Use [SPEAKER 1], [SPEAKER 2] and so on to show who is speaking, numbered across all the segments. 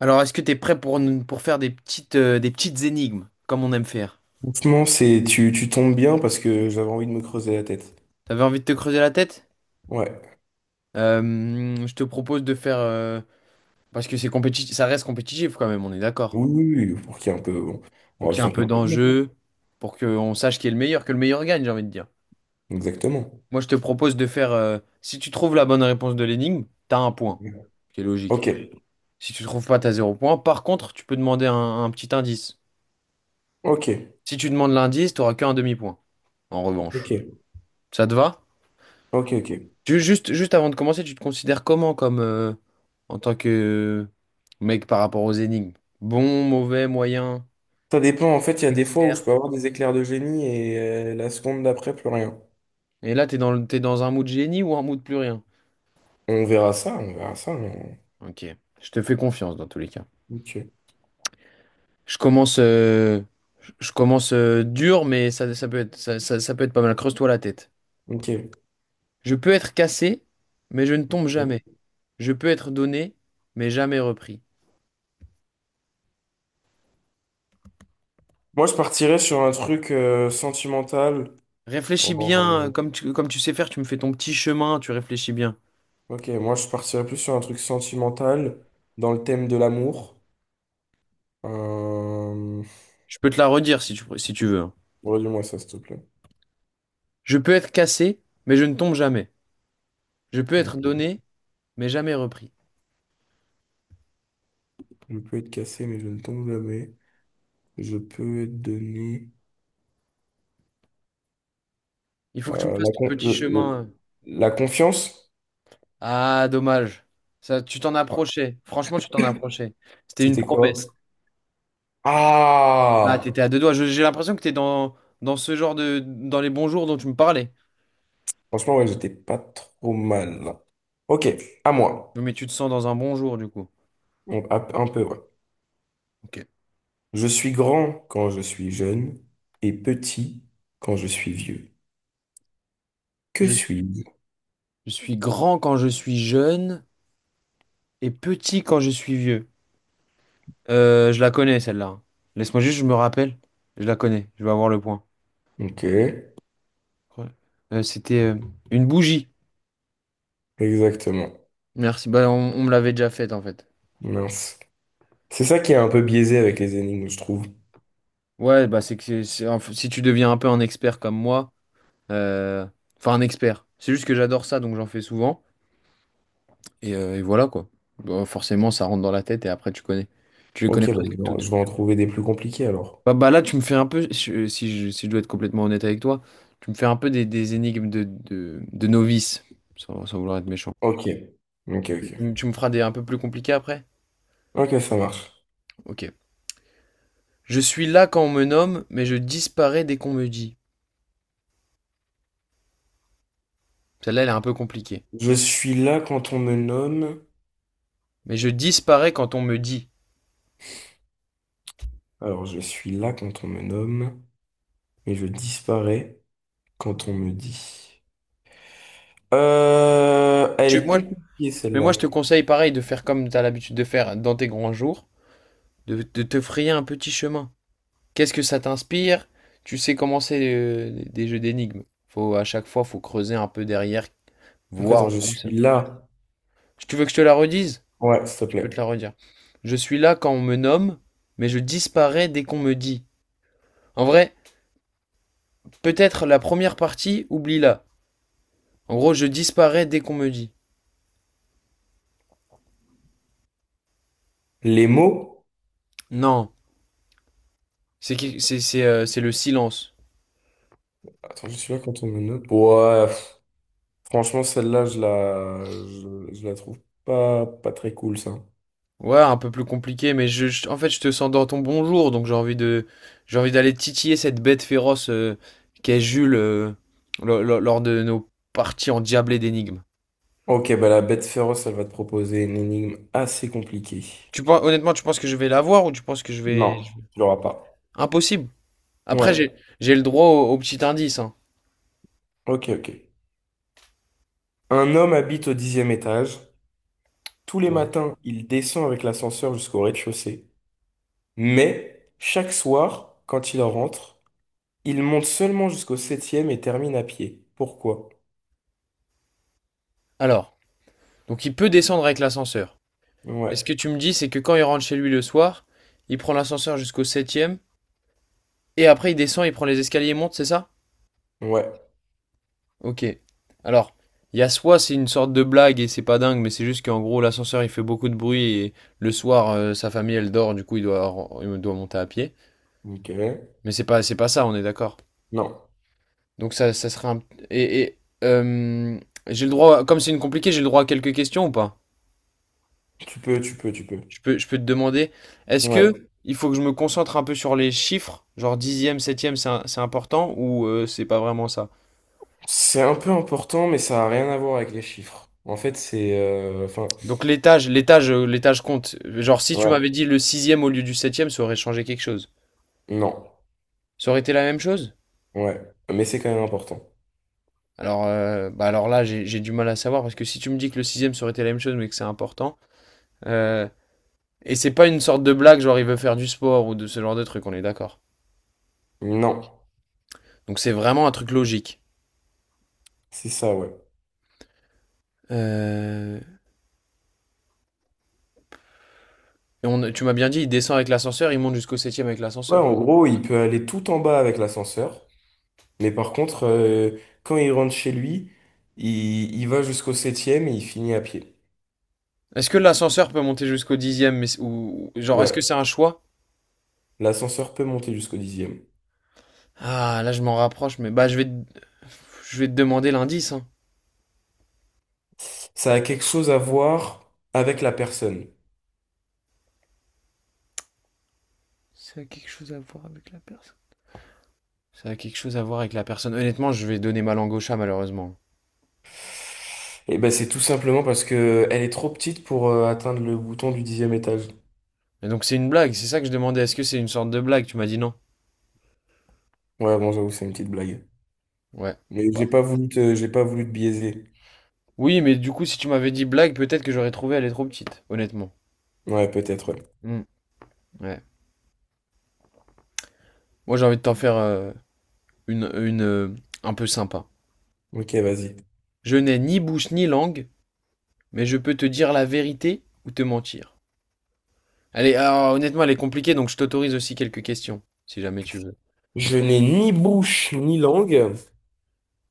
[SPEAKER 1] Alors, est-ce que t'es prêt pour, pour faire des petites énigmes, comme on aime faire?
[SPEAKER 2] Franchement, c'est tu tombes bien parce que j'avais envie de me creuser la tête.
[SPEAKER 1] T'avais envie de te creuser la tête?
[SPEAKER 2] Ouais.
[SPEAKER 1] Je te propose de faire... parce que c'est compétitif, ça reste compétitif quand même, on est d'accord.
[SPEAKER 2] Oui, oui, oui, pour qu'il y ait un peu. Bon, on
[SPEAKER 1] Pour qu'il y ait
[SPEAKER 2] rajoute
[SPEAKER 1] un
[SPEAKER 2] un peu
[SPEAKER 1] peu
[SPEAKER 2] de piment.
[SPEAKER 1] d'enjeu, pour qu'on sache qui est le meilleur, que le meilleur gagne, j'ai envie de dire.
[SPEAKER 2] Exactement.
[SPEAKER 1] Moi, je te propose de faire... si tu trouves la bonne réponse de l'énigme, t'as un point, ce qui est logique.
[SPEAKER 2] Ok,
[SPEAKER 1] Si tu trouves pas, t'as zéro point. Par contre, tu peux demander un petit indice.
[SPEAKER 2] ok,
[SPEAKER 1] Si tu demandes l'indice, t'auras qu'un demi-point, en revanche.
[SPEAKER 2] ok,
[SPEAKER 1] Ça te va?
[SPEAKER 2] ok, ok.
[SPEAKER 1] Juste avant de commencer, tu te considères comment comme en tant que mec par rapport aux énigmes? Bon, mauvais, moyen,
[SPEAKER 2] Ça dépend, en fait, il y a des fois où je peux
[SPEAKER 1] expert.
[SPEAKER 2] avoir des éclairs de génie et la seconde d'après, plus rien.
[SPEAKER 1] Et là, t'es dans un mood génie ou un mood plus rien?
[SPEAKER 2] On verra ça, on verra ça.
[SPEAKER 1] Ok, je te fais confiance dans tous les cas.
[SPEAKER 2] Ok,
[SPEAKER 1] Je commence, euh, je commence dur, mais ça peut être pas mal. Creuse-toi la tête.
[SPEAKER 2] ok.
[SPEAKER 1] Je peux être cassé, mais je ne tombe
[SPEAKER 2] Ouais.
[SPEAKER 1] jamais. Je peux être donné, mais jamais repris.
[SPEAKER 2] Moi, je partirais sur un truc sentimental.
[SPEAKER 1] Réfléchis bien,
[SPEAKER 2] Oh,
[SPEAKER 1] comme tu sais faire, tu me fais ton petit chemin, tu réfléchis bien.
[SPEAKER 2] ok, moi, je partirais plus sur un truc sentimental dans le thème de l'amour. Euh,
[SPEAKER 1] Je peux te la redire si tu veux, hein.
[SPEAKER 2] Redis-moi ça, s'il te plaît.
[SPEAKER 1] Je peux être cassé, mais je ne tombe jamais. Je peux être
[SPEAKER 2] Ok.
[SPEAKER 1] donné, mais jamais repris.
[SPEAKER 2] Je peux être cassé, mais je ne tombe jamais. Je peux être donné.
[SPEAKER 1] Il faut que tu me
[SPEAKER 2] euh,
[SPEAKER 1] fasses
[SPEAKER 2] la,
[SPEAKER 1] ton
[SPEAKER 2] con-
[SPEAKER 1] petit
[SPEAKER 2] le-
[SPEAKER 1] chemin,
[SPEAKER 2] le-
[SPEAKER 1] hein.
[SPEAKER 2] la confiance?
[SPEAKER 1] Ah, dommage. Ça, tu t'en
[SPEAKER 2] Enfin,
[SPEAKER 1] approchais. Franchement, tu t'en approchais. C'était une
[SPEAKER 2] c'était quoi?
[SPEAKER 1] promesse. Ah,
[SPEAKER 2] Ah!
[SPEAKER 1] t'étais à deux doigts. J'ai l'impression que t'es dans ce genre de... dans les bons jours dont tu me parlais.
[SPEAKER 2] Franchement, ouais, j'étais pas trop mal là. Ok, à moi.
[SPEAKER 1] Non, mais tu te sens dans un bon jour, du coup.
[SPEAKER 2] Bon, un peu, ouais.
[SPEAKER 1] Ok.
[SPEAKER 2] Je suis grand quand je suis jeune et petit quand je suis vieux. Que
[SPEAKER 1] Je,
[SPEAKER 2] suis-je?
[SPEAKER 1] je suis grand quand je suis jeune et petit quand je suis vieux. Je la connais, celle-là. Laisse-moi juste, je me rappelle. Je la connais. Je vais avoir le point.
[SPEAKER 2] Ok,
[SPEAKER 1] Ouais. C'était une bougie.
[SPEAKER 2] exactement.
[SPEAKER 1] Merci. Bah, on me l'avait déjà faite en fait.
[SPEAKER 2] Mince. C'est ça qui est un peu biaisé avec les énigmes, je trouve.
[SPEAKER 1] Ouais, bah c'est que si tu deviens un peu un expert comme moi, euh, enfin un expert, c'est juste que j'adore ça, donc j'en fais souvent. Et voilà quoi. Bah, forcément, ça rentre dans la tête et après tu connais. Tu les connais
[SPEAKER 2] Ok, bah,
[SPEAKER 1] presque
[SPEAKER 2] je vais
[SPEAKER 1] toutes.
[SPEAKER 2] je vais en trouver des plus compliqués alors.
[SPEAKER 1] Bah là, tu me fais un peu, si je dois être complètement honnête avec toi, tu me fais un peu des énigmes de novice, sans vouloir être méchant.
[SPEAKER 2] Ok. Ok, ok.
[SPEAKER 1] Tu me feras des un peu plus compliqués après?
[SPEAKER 2] Ok, ça marche.
[SPEAKER 1] Ok. Je suis là quand on me nomme, mais je disparais dès qu'on me dit. Celle-là, elle est un peu compliquée.
[SPEAKER 2] Je suis là quand on me nomme.
[SPEAKER 1] Mais je disparais quand on me dit.
[SPEAKER 2] Alors, je suis là quand on me nomme, mais je disparais quand on me dit. Elle
[SPEAKER 1] Tu,
[SPEAKER 2] est
[SPEAKER 1] moi,
[SPEAKER 2] compliquée
[SPEAKER 1] mais moi,
[SPEAKER 2] celle-là.
[SPEAKER 1] je te conseille pareil de faire comme tu as l'habitude de faire dans tes grands jours, de te frayer un petit chemin. Qu'est-ce que ça t'inspire? Tu sais comment c'est des jeux d'énigmes. Faut, à chaque fois, faut creuser un peu derrière,
[SPEAKER 2] Donc,
[SPEAKER 1] voir
[SPEAKER 2] attends, je
[SPEAKER 1] où ça.
[SPEAKER 2] suis là.
[SPEAKER 1] Tu veux que je te la redise?
[SPEAKER 2] Ouais, s'il te
[SPEAKER 1] Je peux te la
[SPEAKER 2] plaît.
[SPEAKER 1] redire. Je suis là quand on me nomme, mais je disparais dès qu'on me dit. En vrai, peut-être la première partie, oublie-la. En gros, je disparais dès qu'on me dit.
[SPEAKER 2] Les mots.
[SPEAKER 1] Non, c'est qui- c'est le silence.
[SPEAKER 2] Attends, je suis là quand on me nomme. Ouais, pff, franchement, celle-là, je la trouve pas, pas très cool, ça.
[SPEAKER 1] Ouais, un peu plus compliqué, mais en fait, je te sens dans ton bonjour, donc j'ai envie d'aller titiller cette bête féroce, qu'est Jules lors de nos parties endiablées d'énigmes.
[SPEAKER 2] Ok, bah la bête féroce, elle va te proposer une énigme assez compliquée.
[SPEAKER 1] Tu penses, honnêtement, tu penses que je vais la voir ou tu penses que je vais...
[SPEAKER 2] Non, tu l'auras pas.
[SPEAKER 1] Impossible. Après,
[SPEAKER 2] Ouais,
[SPEAKER 1] j'ai le droit au petit indice, hein.
[SPEAKER 2] ok, ok. Un homme habite au dixième étage. Tous les
[SPEAKER 1] Ouais.
[SPEAKER 2] matins, il descend avec l'ascenseur jusqu'au rez-de-chaussée. Mais chaque soir, quand il rentre, il monte seulement jusqu'au septième et termine à pied. Pourquoi?
[SPEAKER 1] Alors, donc il peut descendre avec l'ascenseur. Et ce
[SPEAKER 2] Ouais,
[SPEAKER 1] que tu me dis, c'est que quand il rentre chez lui le soir, il prend l'ascenseur jusqu'au septième. Et après, il descend, il prend les escaliers et monte, c'est ça?
[SPEAKER 2] ouais.
[SPEAKER 1] Ok. Alors, il y a soit c'est une sorte de blague et c'est pas dingue, mais c'est juste qu'en gros, l'ascenseur il fait beaucoup de bruit et le soir, sa famille elle dort, du coup, il doit monter à pied.
[SPEAKER 2] Ok.
[SPEAKER 1] Mais c'est pas ça, on est d'accord.
[SPEAKER 2] Non,
[SPEAKER 1] Donc, ça serait un. Et, et, euh, j'ai le droit, comme c'est une compliquée, j'ai le droit à quelques questions ou pas?
[SPEAKER 2] tu peux, tu peux, tu peux.
[SPEAKER 1] Je peux te demander, est-ce
[SPEAKER 2] Ouais.
[SPEAKER 1] que il faut que je me concentre un peu sur les chiffres, genre dixième, septième, c'est important ou c'est pas vraiment ça?
[SPEAKER 2] C'est un peu important, mais ça n'a rien à voir avec les chiffres. En fait, enfin,
[SPEAKER 1] Donc l'étage compte. Genre si tu
[SPEAKER 2] ouais.
[SPEAKER 1] m'avais dit le sixième au lieu du septième, ça aurait changé quelque chose.
[SPEAKER 2] Non.
[SPEAKER 1] Ça aurait été la même chose?
[SPEAKER 2] Ouais. Mais c'est quand même important.
[SPEAKER 1] Alors, bah alors là, j'ai du mal à savoir parce que si tu me dis que le sixième ça aurait été la même chose, mais que c'est important, euh, et c'est pas une sorte de blague, genre il veut faire du sport ou de ce genre de truc, on est d'accord.
[SPEAKER 2] Non.
[SPEAKER 1] Donc c'est vraiment un truc logique.
[SPEAKER 2] C'est ça, ouais.
[SPEAKER 1] Euh, et tu m'as bien dit, il descend avec l'ascenseur, il monte jusqu'au septième avec
[SPEAKER 2] Ouais,
[SPEAKER 1] l'ascenseur.
[SPEAKER 2] en gros, il peut aller tout en bas avec l'ascenseur, mais par contre, quand il rentre chez lui, il va jusqu'au septième et il finit à pied.
[SPEAKER 1] Est-ce que l'ascenseur peut monter jusqu'au dixième, mais, genre est-ce que
[SPEAKER 2] Ouais,
[SPEAKER 1] c'est un choix?
[SPEAKER 2] l'ascenseur peut monter jusqu'au dixième.
[SPEAKER 1] Ah, là, je m'en rapproche, mais bah, je vais te demander l'indice, hein.
[SPEAKER 2] Ça a quelque chose à voir avec la personne.
[SPEAKER 1] Ça a quelque chose à voir avec la personne. Ça a quelque chose à voir avec la personne. Honnêtement, je vais donner ma langue au chat, malheureusement.
[SPEAKER 2] Et ben, c'est tout simplement parce que elle est trop petite pour atteindre le bouton du dixième étage.
[SPEAKER 1] Mais donc, c'est une blague, c'est ça que je demandais. Est-ce que c'est une sorte de blague? Tu m'as dit non.
[SPEAKER 2] Ouais, bon, j'avoue, c'est une petite blague.
[SPEAKER 1] Ouais.
[SPEAKER 2] Mais
[SPEAKER 1] Bah.
[SPEAKER 2] j'ai pas voulu te biaiser.
[SPEAKER 1] Oui, mais du coup, si tu m'avais dit blague, peut-être que j'aurais trouvé elle est trop petite, honnêtement.
[SPEAKER 2] Ouais, peut-être, ouais.
[SPEAKER 1] Hmm. Ouais. Moi, j'ai envie de t'en faire une un peu sympa.
[SPEAKER 2] Ok, vas-y.
[SPEAKER 1] Je n'ai ni bouche ni langue, mais je peux te dire la vérité ou te mentir. Allez, alors, honnêtement, elle est compliquée, donc je t'autorise aussi quelques questions, si jamais tu veux.
[SPEAKER 2] Je n'ai ni bouche ni langue.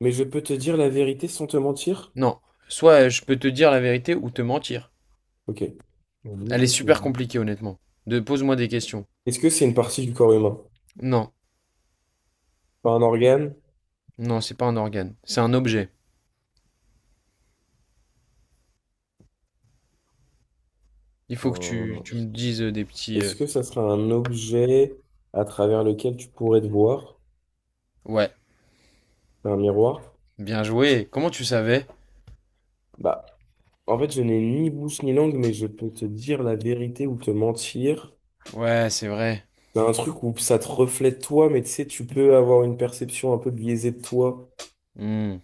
[SPEAKER 2] Mais je peux te dire la vérité sans te mentir?
[SPEAKER 1] Non, soit je peux te dire la vérité ou te mentir.
[SPEAKER 2] Ok. On y
[SPEAKER 1] Elle est
[SPEAKER 2] bouge, je te le.
[SPEAKER 1] super compliquée, honnêtement. De pose-moi des questions.
[SPEAKER 2] Est-ce que c'est une partie du corps humain?
[SPEAKER 1] Non,
[SPEAKER 2] Pas un organe?
[SPEAKER 1] non, c'est pas un organe, c'est un objet. Il faut que tu,
[SPEAKER 2] Un-
[SPEAKER 1] tu me dises des petits.
[SPEAKER 2] Est-ce que ça sera un objet à travers lequel tu pourrais te voir?
[SPEAKER 1] Ouais,
[SPEAKER 2] C'est un miroir?
[SPEAKER 1] bien joué. Comment tu savais?
[SPEAKER 2] Bah, en fait, je n'ai ni bouche ni langue, mais je peux te dire la vérité ou te mentir.
[SPEAKER 1] Ouais, c'est vrai.
[SPEAKER 2] C'est un truc où ça te reflète toi, mais tu sais, tu peux avoir une perception un peu biaisée de toi.
[SPEAKER 1] Hmm.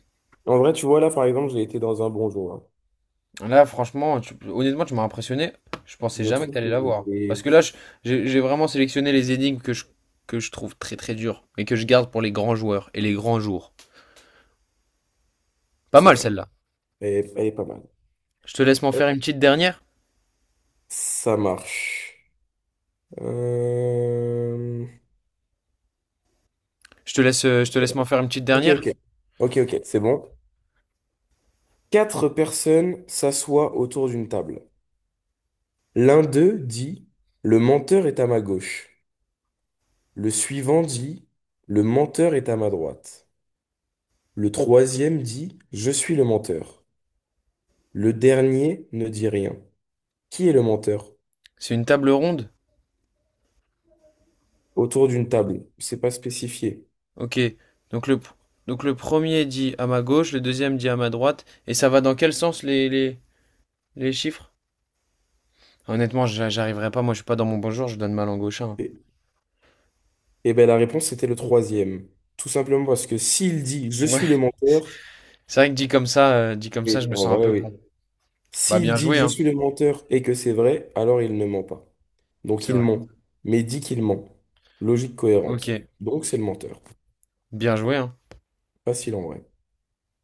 [SPEAKER 2] En vrai, tu vois, là, par exemple, j'ai été dans un bonjour. Hein.
[SPEAKER 1] Là, franchement, honnêtement, tu m'as impressionné. Je pensais
[SPEAKER 2] Je
[SPEAKER 1] jamais que
[SPEAKER 2] trouve que
[SPEAKER 1] t'allais
[SPEAKER 2] j'ai
[SPEAKER 1] l'avoir. Parce
[SPEAKER 2] été...
[SPEAKER 1] que là, j'ai vraiment sélectionné les énigmes que je trouve très très dures, mais que je garde pour les grands joueurs et les grands jours. Pas
[SPEAKER 2] C'est
[SPEAKER 1] mal
[SPEAKER 2] vrai.
[SPEAKER 1] celle-là.
[SPEAKER 2] Elle est pas mal.
[SPEAKER 1] Je te laisse m'en faire une petite dernière.
[SPEAKER 2] Ça marche. Euh,
[SPEAKER 1] Je te laisse m'en faire une petite
[SPEAKER 2] Ok,
[SPEAKER 1] dernière.
[SPEAKER 2] ok. Ok, ok, c'est bon. Quatre personnes s'assoient autour d'une table. L'un d'eux dit, le menteur est à ma gauche. Le suivant dit, le menteur est à ma droite. Le troisième dit, je suis le menteur. Le dernier ne dit rien. Qui est le menteur?
[SPEAKER 1] C'est une table ronde.
[SPEAKER 2] Autour d'une table. C'est pas spécifié.
[SPEAKER 1] Ok. Donc le, donc le premier dit à ma gauche, le deuxième dit à ma droite. Et ça va dans quel sens les chiffres? Honnêtement, j'arriverai pas. Moi, je suis pas dans mon bonjour. Je donne mal en gauche, hein.
[SPEAKER 2] Et, et ben la réponse c'était le troisième. Tout simplement parce que s'il dit, je suis le
[SPEAKER 1] Ouais.
[SPEAKER 2] menteur,
[SPEAKER 1] C'est vrai que dit comme ça, je
[SPEAKER 2] oui,
[SPEAKER 1] me
[SPEAKER 2] en
[SPEAKER 1] sens un
[SPEAKER 2] vrai,
[SPEAKER 1] peu
[SPEAKER 2] oui.
[SPEAKER 1] con. Bah
[SPEAKER 2] S'il
[SPEAKER 1] bien
[SPEAKER 2] dit
[SPEAKER 1] joué,
[SPEAKER 2] je
[SPEAKER 1] hein.
[SPEAKER 2] suis le menteur et que c'est vrai, alors il ne ment pas. Donc
[SPEAKER 1] C'est
[SPEAKER 2] il
[SPEAKER 1] vrai.
[SPEAKER 2] ment, mais il dit qu'il ment. Logique
[SPEAKER 1] Ok.
[SPEAKER 2] cohérente. Donc c'est le menteur.
[SPEAKER 1] Bien joué, hein.
[SPEAKER 2] Facile en vrai.